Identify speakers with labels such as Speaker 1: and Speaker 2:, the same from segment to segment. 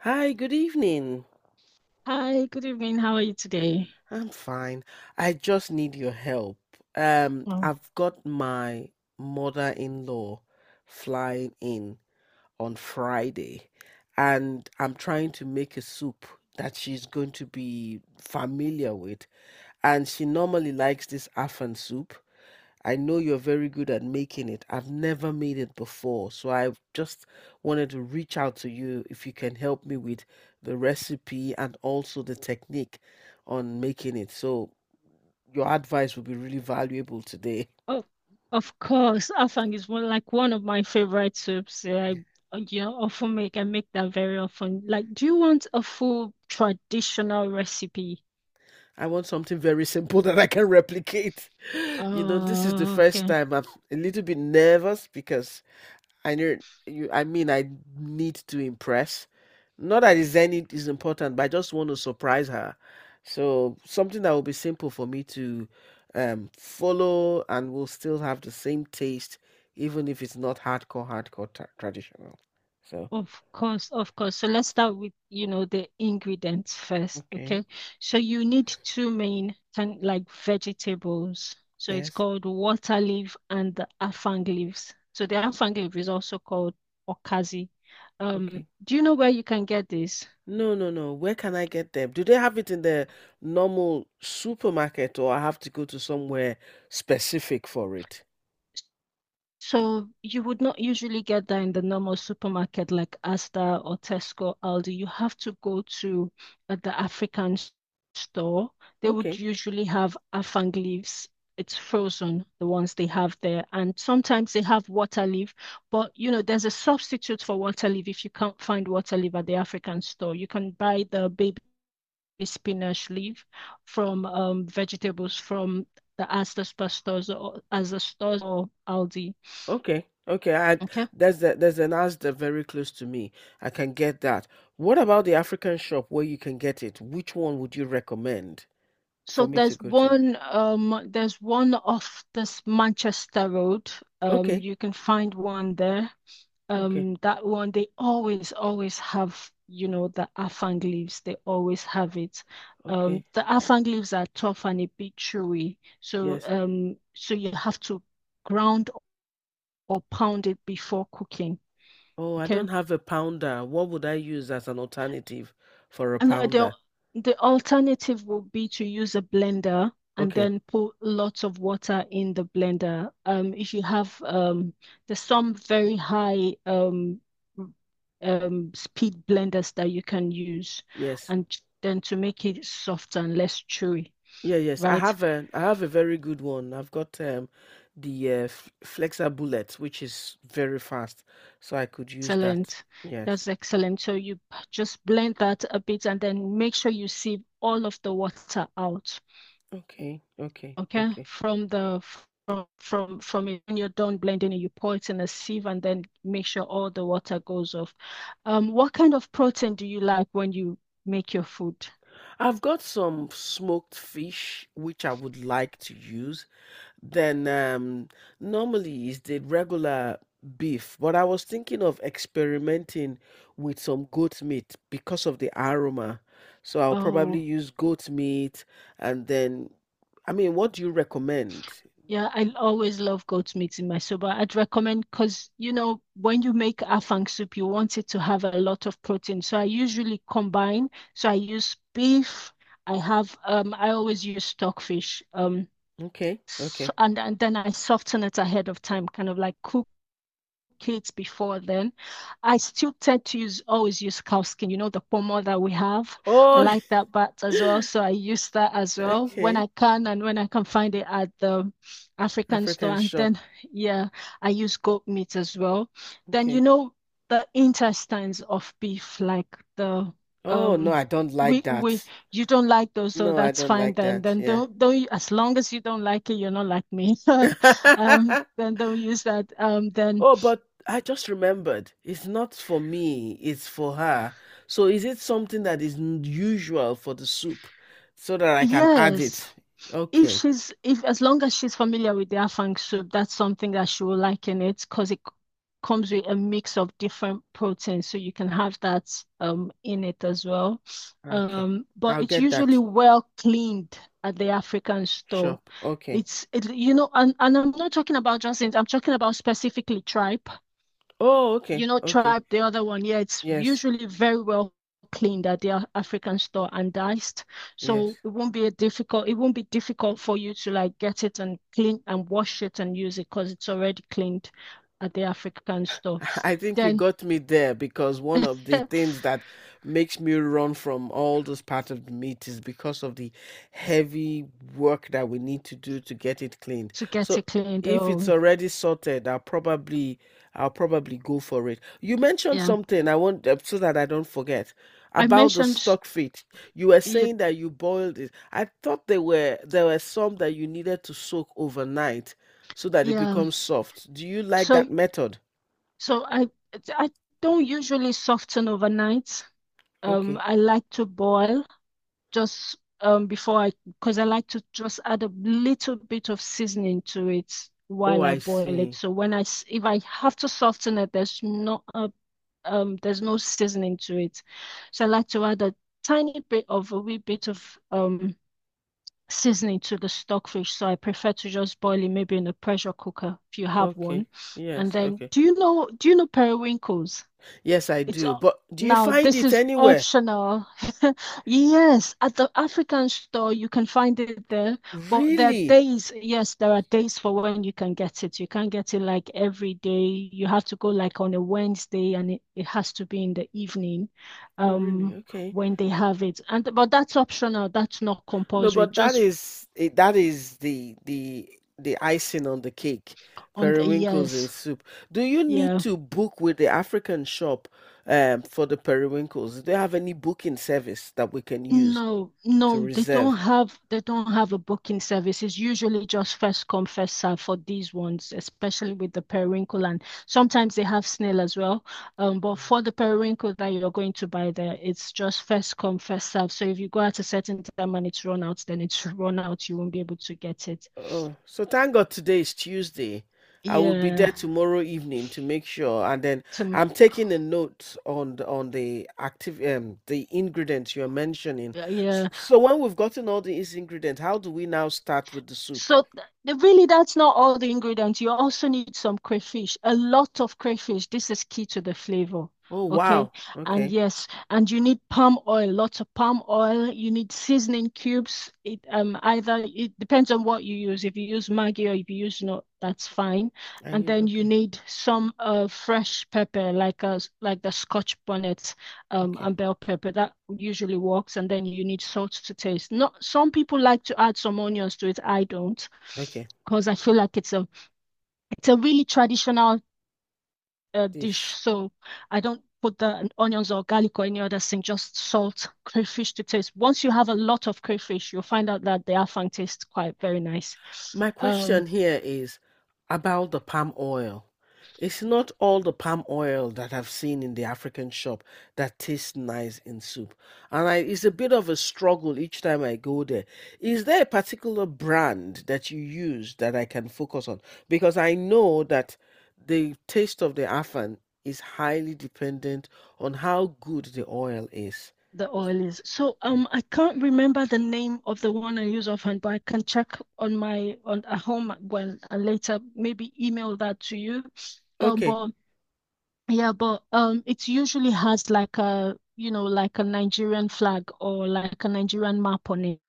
Speaker 1: Hi, good evening.
Speaker 2: Hi, good evening. How are you today?
Speaker 1: I'm fine. I just need your help.
Speaker 2: Oh,
Speaker 1: I've got my mother-in-law flying in on Friday, and I'm trying to make a soup that she's going to be familiar with. And she normally likes this Afan soup. I know you're very good at making it. I've never made it before. So I just wanted to reach out to you if you can help me with the recipe and also the technique on making it. So your advice would be really valuable today.
Speaker 2: Oh, of course. Afang is one of my favorite soups. Yeah,
Speaker 1: Yeah.
Speaker 2: I, you know, often make I make that very often. Like, do you want a full traditional recipe?
Speaker 1: I want something very simple that I can replicate. You know, this is the
Speaker 2: Oh,
Speaker 1: first
Speaker 2: okay.
Speaker 1: time I'm a little bit nervous because I know you. I mean, I need to impress. Not that is any is important, but I just want to surprise her. So something that will be simple for me to follow, and will still have the same taste, even if it's not hardcore, traditional. So
Speaker 2: Of course. So let's start with, you know, the ingredients first,
Speaker 1: okay,
Speaker 2: okay? So you need two main kind like vegetables. So it's
Speaker 1: yes,
Speaker 2: called water leaf and the afang leaves. So the afang leaf is also called okazi.
Speaker 1: okay.
Speaker 2: Do you know where you can get this?
Speaker 1: No. Where can I get them? Do they have it in the normal supermarket, or I have to go to somewhere specific for it?
Speaker 2: So you would not usually get that in the normal supermarket like Asda or Tesco, Aldi. You have to go to the store. They would
Speaker 1: Okay.
Speaker 2: usually have afang leaves. It's frozen, the ones they have there. And sometimes they have water leaf, but you know, there's a substitute for water leaf if you can't find water leaf at the African store. You can buy the baby spinach leaf from vegetables from the Asda stores or Aldi.
Speaker 1: Okay. Okay. I
Speaker 2: Okay.
Speaker 1: there's a, there's an Asda very close to me. I can get that. What about the African shop where you can get it? Which one would you recommend
Speaker 2: So
Speaker 1: for me to go to?
Speaker 2: there's one off this Manchester Road.
Speaker 1: Okay.
Speaker 2: You can find one there.
Speaker 1: Okay.
Speaker 2: That one they always have, you know, the afang leaves. They always have it.
Speaker 1: Okay.
Speaker 2: The afang leaves are tough and a bit chewy. So
Speaker 1: Yes.
Speaker 2: um so you have to ground or pound it before cooking.
Speaker 1: Oh, I
Speaker 2: Okay.
Speaker 1: don't have a pounder. What would I use as an alternative for a
Speaker 2: And the
Speaker 1: pounder?
Speaker 2: alternative would be to use a blender and
Speaker 1: Okay.
Speaker 2: then put lots of water in the blender. If you have there's some very high speed blenders that you can use,
Speaker 1: Yes.
Speaker 2: and then to make it softer and less chewy,
Speaker 1: Yeah, yes. I
Speaker 2: right?
Speaker 1: have a I have a very good one. I've got the Flexa Bullet, which is very fast, so I could use that.
Speaker 2: Excellent.
Speaker 1: Yes.
Speaker 2: That's excellent. So you just blend that a bit and then make sure you sieve all of the water out.
Speaker 1: Okay. Okay.
Speaker 2: Okay,
Speaker 1: Okay.
Speaker 2: from the from it when you're done blending it, you pour it in a sieve and then make sure all the water goes off. What kind of protein do you like when you make your food?
Speaker 1: I've got some smoked fish which I would like to use. Then normally is the regular beef, but I was thinking of experimenting with some goat meat because of the aroma. So I'll probably
Speaker 2: Oh,
Speaker 1: use goat meat and then I mean, what do you recommend?
Speaker 2: yeah, I always love goat meat in my soup. I'd recommend, because you know, when you make afang soup, you want it to have a lot of protein. So I usually combine, so I use beef. I always use stockfish. um
Speaker 1: Okay,
Speaker 2: s-
Speaker 1: okay.
Speaker 2: and, and then I soften it ahead of time, kind of like cook kids before then. I still tend to use always use cow skin, you know, the pomo that we have. I
Speaker 1: Oh,
Speaker 2: like that bat as well. So I use that as well when
Speaker 1: okay.
Speaker 2: I can and when I can find it at the African store.
Speaker 1: African
Speaker 2: And
Speaker 1: shop.
Speaker 2: then yeah, I use goat meat as well. Then you
Speaker 1: Okay.
Speaker 2: know the intestines of beef, like the
Speaker 1: Oh no,
Speaker 2: um
Speaker 1: I don't like
Speaker 2: we
Speaker 1: that.
Speaker 2: you don't like those, so
Speaker 1: No, I
Speaker 2: that's
Speaker 1: don't
Speaker 2: fine
Speaker 1: like
Speaker 2: then.
Speaker 1: that.
Speaker 2: Then
Speaker 1: Yeah.
Speaker 2: don't As long as you don't like it, you're not like me. Then don't use that. Then
Speaker 1: Oh, but I just remembered. It's not for me, it's for her. So is it something that is usual for the soup so that I can add
Speaker 2: Yes,
Speaker 1: it?
Speaker 2: if
Speaker 1: Okay.
Speaker 2: she's if as long as she's familiar with the afang soup, that's something that she will like in it, because it comes with a mix of different proteins, so you can have that in it as well.
Speaker 1: Okay.
Speaker 2: But
Speaker 1: I'll
Speaker 2: it's
Speaker 1: get
Speaker 2: usually
Speaker 1: that.
Speaker 2: well cleaned at the African store.
Speaker 1: Shop. Okay.
Speaker 2: You know, and I'm not talking about just it, I'm talking about specifically tripe,
Speaker 1: Oh, okay.
Speaker 2: you know,
Speaker 1: Okay.
Speaker 2: tribe, the other one, yeah, it's
Speaker 1: Yes.
Speaker 2: usually very well cleaned at the African store and diced. So
Speaker 1: Yes.
Speaker 2: it won't be a difficult, it won't be difficult for you to like get it and clean and wash it and use it, because it's already cleaned at the African store.
Speaker 1: I think you
Speaker 2: Then
Speaker 1: got me there because one of the
Speaker 2: to
Speaker 1: things that makes me run from all those parts of the meat is because of the heavy work that we need to do to get it cleaned.
Speaker 2: get
Speaker 1: So
Speaker 2: it cleaned,
Speaker 1: if it's
Speaker 2: oh
Speaker 1: already sorted, I'll probably go for it. You mentioned
Speaker 2: yeah.
Speaker 1: something I want so that I don't forget
Speaker 2: I
Speaker 1: about the
Speaker 2: mentioned
Speaker 1: stock feet. You were
Speaker 2: it,
Speaker 1: saying that you boiled it. I thought there were some that you needed to soak overnight so that it
Speaker 2: yeah.
Speaker 1: becomes soft. Do you like
Speaker 2: So
Speaker 1: that method?
Speaker 2: so I don't usually soften overnight.
Speaker 1: Okay.
Speaker 2: I like to boil just before I, because I like to just add a little bit of seasoning to it
Speaker 1: Oh,
Speaker 2: while I
Speaker 1: I
Speaker 2: boil it.
Speaker 1: see.
Speaker 2: So when I, if I have to soften it, there's not a there's no seasoning to it. So I like to add a tiny bit of a wee bit of seasoning to the stockfish. So I prefer to just boil it maybe in a pressure cooker if you have
Speaker 1: Okay.
Speaker 2: one. And
Speaker 1: Yes,
Speaker 2: then
Speaker 1: okay.
Speaker 2: do you know periwinkles?
Speaker 1: Yes, I
Speaker 2: It's
Speaker 1: do.
Speaker 2: o-
Speaker 1: But do you
Speaker 2: Now
Speaker 1: find
Speaker 2: this
Speaker 1: it
Speaker 2: is
Speaker 1: anywhere?
Speaker 2: optional. Yes, at the African store you can find it there, but there are
Speaker 1: Really?
Speaker 2: days, yes, there are days for when you can get it. You can't get it like every day. You have to go like on a Wednesday, and it has to be in the evening,
Speaker 1: Oh, really?
Speaker 2: um,
Speaker 1: Okay.
Speaker 2: when they have it. And but that's optional, that's not
Speaker 1: No,
Speaker 2: compulsory,
Speaker 1: but that
Speaker 2: just
Speaker 1: is it, that is the the icing on the cake.
Speaker 2: on the
Speaker 1: Periwinkles in
Speaker 2: yes.
Speaker 1: soup. Do you need
Speaker 2: Yeah.
Speaker 1: to book with the African shop for the periwinkles? Do they have any booking service that we can use
Speaker 2: No,
Speaker 1: to
Speaker 2: no, they don't
Speaker 1: reserve?
Speaker 2: have they don't have a booking service. It's usually just first come, first serve for these ones, especially with the periwinkle, and sometimes they have snail as well. But for the periwinkle that you're going to buy there, it's just first come, first serve. So if you go at a certain time and it's run out, then it's run out. You won't be able to get it.
Speaker 1: Oh, so thank God today is Tuesday. I will be
Speaker 2: Yeah,
Speaker 1: there tomorrow evening to make sure, and then
Speaker 2: some,
Speaker 1: I'm taking a note on the active the ingredients you're mentioning.
Speaker 2: yeah.
Speaker 1: So when we've gotten all these ingredients, how do we now start with the soup?
Speaker 2: So th- Really, that's not all the ingredients. You also need some crayfish, a lot of crayfish. This is key to the flavor.
Speaker 1: Oh
Speaker 2: Okay.
Speaker 1: wow,
Speaker 2: And
Speaker 1: okay.
Speaker 2: yes, and you need palm oil, lots of palm oil. You need seasoning cubes. It Either it depends on what you use. If you use Maggi or if you use not, that's fine.
Speaker 1: Are
Speaker 2: And
Speaker 1: you
Speaker 2: then you
Speaker 1: okay?
Speaker 2: need some fresh pepper, like a like the Scotch bonnet,
Speaker 1: Okay,
Speaker 2: and bell pepper. That usually works. And then you need salt to taste. Not, some people like to add some onions to it. I don't,
Speaker 1: okay.
Speaker 2: because I feel like it's a really traditional, dish.
Speaker 1: Dish.
Speaker 2: So I don't put the onions or garlic or any other thing. Just salt, crayfish to taste. Once you have a lot of crayfish, you'll find out that the afang tastes quite very nice.
Speaker 1: My
Speaker 2: Um,
Speaker 1: question here is about the palm oil. It's not all the palm oil that I've seen in the African shop that tastes nice in soup. And I, it's a bit of a struggle each time I go there. Is there a particular brand that you use that I can focus on? Because I know that the taste of the afan is highly dependent on how good the oil is.
Speaker 2: The oil is.
Speaker 1: Yeah.
Speaker 2: I can't remember the name of the one I use offhand, but I can check on my on at home when, and later maybe email that to you.
Speaker 1: Okay.
Speaker 2: But Yeah, but it usually has like a, you know, like a Nigerian flag or like a Nigerian map on it.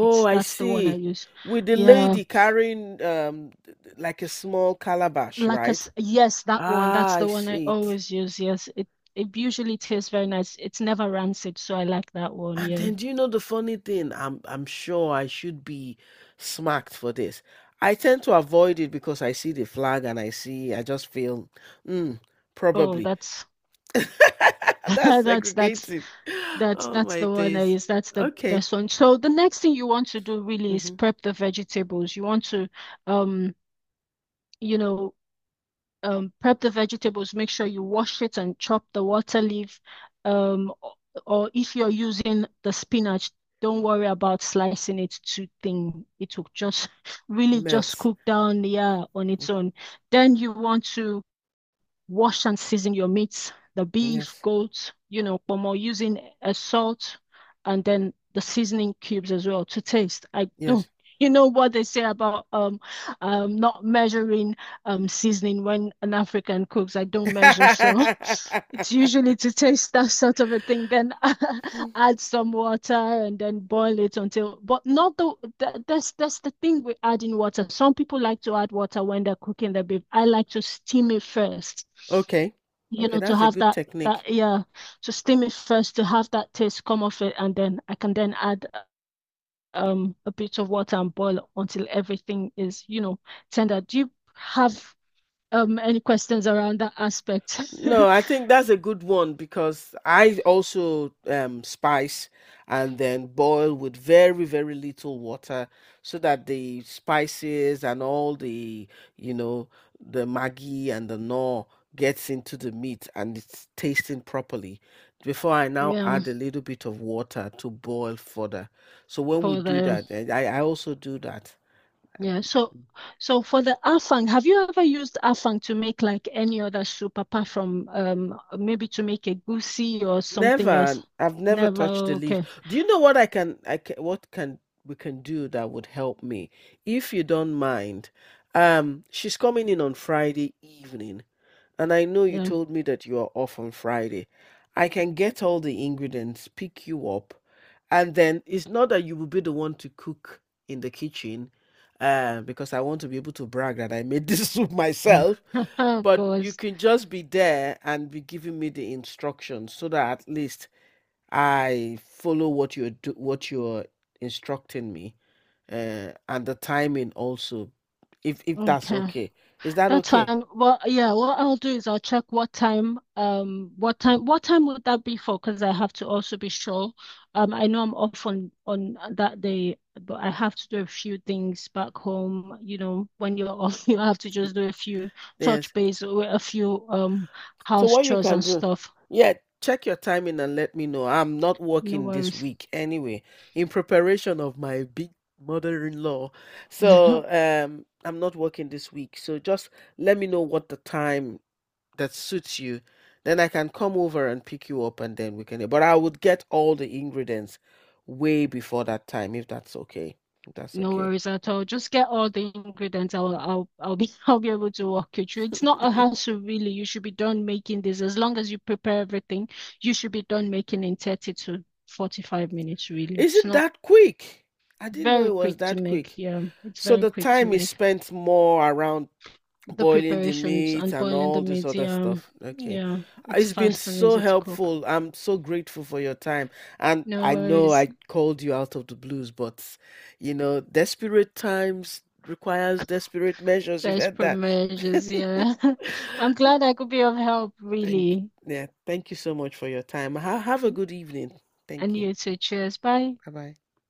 Speaker 2: It's
Speaker 1: I
Speaker 2: That's the one I
Speaker 1: see.
Speaker 2: use.
Speaker 1: With the
Speaker 2: Yeah.
Speaker 1: lady carrying like a small calabash, right?
Speaker 2: Yes, that one.
Speaker 1: Ah,
Speaker 2: That's
Speaker 1: I
Speaker 2: the one I
Speaker 1: see it.
Speaker 2: always use. Yes. It usually tastes very nice. It's never rancid, so I like that one,
Speaker 1: And
Speaker 2: yeah.
Speaker 1: then do you know the funny thing? I'm sure I should be smacked for this. I tend to avoid it because I see the flag and I see I just feel mm,
Speaker 2: Oh,
Speaker 1: probably.
Speaker 2: that's
Speaker 1: That's
Speaker 2: that's that's
Speaker 1: segregated. Oh
Speaker 2: That's
Speaker 1: my
Speaker 2: the one that
Speaker 1: days.
Speaker 2: is that's the
Speaker 1: Okay.
Speaker 2: best one. So the next thing you want to do really is
Speaker 1: Mm-hmm.
Speaker 2: prep the vegetables. You want to um you know, prep the vegetables, make sure you wash it and chop the water leaf. Um o- or if you're using the spinach, don't worry about slicing it too thin. It will just really just
Speaker 1: Melts.
Speaker 2: cook down, yeah, on
Speaker 1: Mm,
Speaker 2: its own. Then you want to wash and season your meats, the beef,
Speaker 1: yes.
Speaker 2: goat, you know, pomo, using a salt, and then the seasoning cubes as well to taste. I
Speaker 1: Yes.
Speaker 2: don't, you know what they say about not measuring seasoning when an African cooks. I don't measure, so it's usually to taste, that sort of a thing, then add some water and then boil it until, but not the, the, that's the thing with adding water. Some people like to add water when they're cooking the beef. I like to steam it first,
Speaker 1: Okay.
Speaker 2: you
Speaker 1: Okay,
Speaker 2: know, to
Speaker 1: that's a
Speaker 2: have
Speaker 1: good
Speaker 2: that
Speaker 1: technique.
Speaker 2: that yeah, to steam it first to have that taste come off it, and then I can then add a bit of water and boil until everything is, you know, tender. Do you have any questions around that aspect?
Speaker 1: No, I think that's a good one because I also spice and then boil with very, very little water so that the spices and all the, you know, the Maggi and the gnaw gets into the meat and it's tasting properly. Before I now
Speaker 2: Yeah,
Speaker 1: add a little bit of water to boil further. So when we
Speaker 2: for
Speaker 1: do
Speaker 2: the
Speaker 1: that, and I also do that.
Speaker 2: Yeah, so, so for the afang, have you ever used afang to make like any other soup apart from maybe to make a goosey or something else?
Speaker 1: Never. I've never
Speaker 2: Never.
Speaker 1: touched the leaf.
Speaker 2: Okay.
Speaker 1: Do you know what I can, what can we can do that would help me if you don't mind? She's coming in on Friday evening, and I know you
Speaker 2: Yeah.
Speaker 1: told me that you are off on Friday. I can get all the ingredients, pick you up, and then it's not that you will be the one to cook in the kitchen, because I want to be able to brag that I made this soup myself,
Speaker 2: Of
Speaker 1: but you
Speaker 2: course.
Speaker 1: can just be there and be giving me the instructions so that at least I follow what you're instructing me, and the timing also, if that's
Speaker 2: Okay.
Speaker 1: okay. Is that
Speaker 2: That
Speaker 1: okay?
Speaker 2: time, well, yeah, what I'll do is I'll check what time, what time would that be for? Because I have to also be sure. I know I'm off on that day, but I have to do a few things back home. You know, when you're off, you have to just do a few,
Speaker 1: Yes.
Speaker 2: touch base with a few
Speaker 1: So
Speaker 2: house
Speaker 1: what you
Speaker 2: chores
Speaker 1: can
Speaker 2: and
Speaker 1: do?
Speaker 2: stuff.
Speaker 1: Yeah, check your timing and let me know. I'm not
Speaker 2: No
Speaker 1: working this
Speaker 2: worries.
Speaker 1: week anyway, in preparation of my big mother-in-law. So I'm not working this week. So just let me know what the time that suits you, then I can come over and pick you up and then we can. But I would get all the ingredients way before that time if that's okay. If that's
Speaker 2: No
Speaker 1: okay.
Speaker 2: worries at all. Just get all the ingredients. I'll be I'll be able to walk you through. It's not a hassle really. You should be done making this. As long as you prepare everything, you should be done making in 30 to 45 minutes really.
Speaker 1: Is
Speaker 2: It's
Speaker 1: it
Speaker 2: not
Speaker 1: that quick? I didn't know
Speaker 2: very
Speaker 1: it was
Speaker 2: quick to
Speaker 1: that quick.
Speaker 2: make. Yeah, it's
Speaker 1: So
Speaker 2: very
Speaker 1: the
Speaker 2: quick to
Speaker 1: time is
Speaker 2: make.
Speaker 1: spent more around
Speaker 2: The
Speaker 1: boiling the
Speaker 2: preparations
Speaker 1: meat
Speaker 2: and
Speaker 1: and
Speaker 2: boiling the
Speaker 1: all this
Speaker 2: meat.
Speaker 1: other
Speaker 2: Yeah,
Speaker 1: stuff. Okay.
Speaker 2: yeah, it's
Speaker 1: It's been
Speaker 2: fast and
Speaker 1: so
Speaker 2: easy to cook.
Speaker 1: helpful. I'm so grateful for your time. And
Speaker 2: No
Speaker 1: I know
Speaker 2: worries.
Speaker 1: I called you out of the blues, but you know, desperate times requires desperate measures. You've heard
Speaker 2: Desperate
Speaker 1: that.
Speaker 2: measures. Yeah. I'm glad I could be of help
Speaker 1: Thank
Speaker 2: really.
Speaker 1: yeah, thank you so much for your time. Have a good evening. Thank
Speaker 2: And
Speaker 1: you.
Speaker 2: you too. Cheers. Bye.
Speaker 1: Bye bye.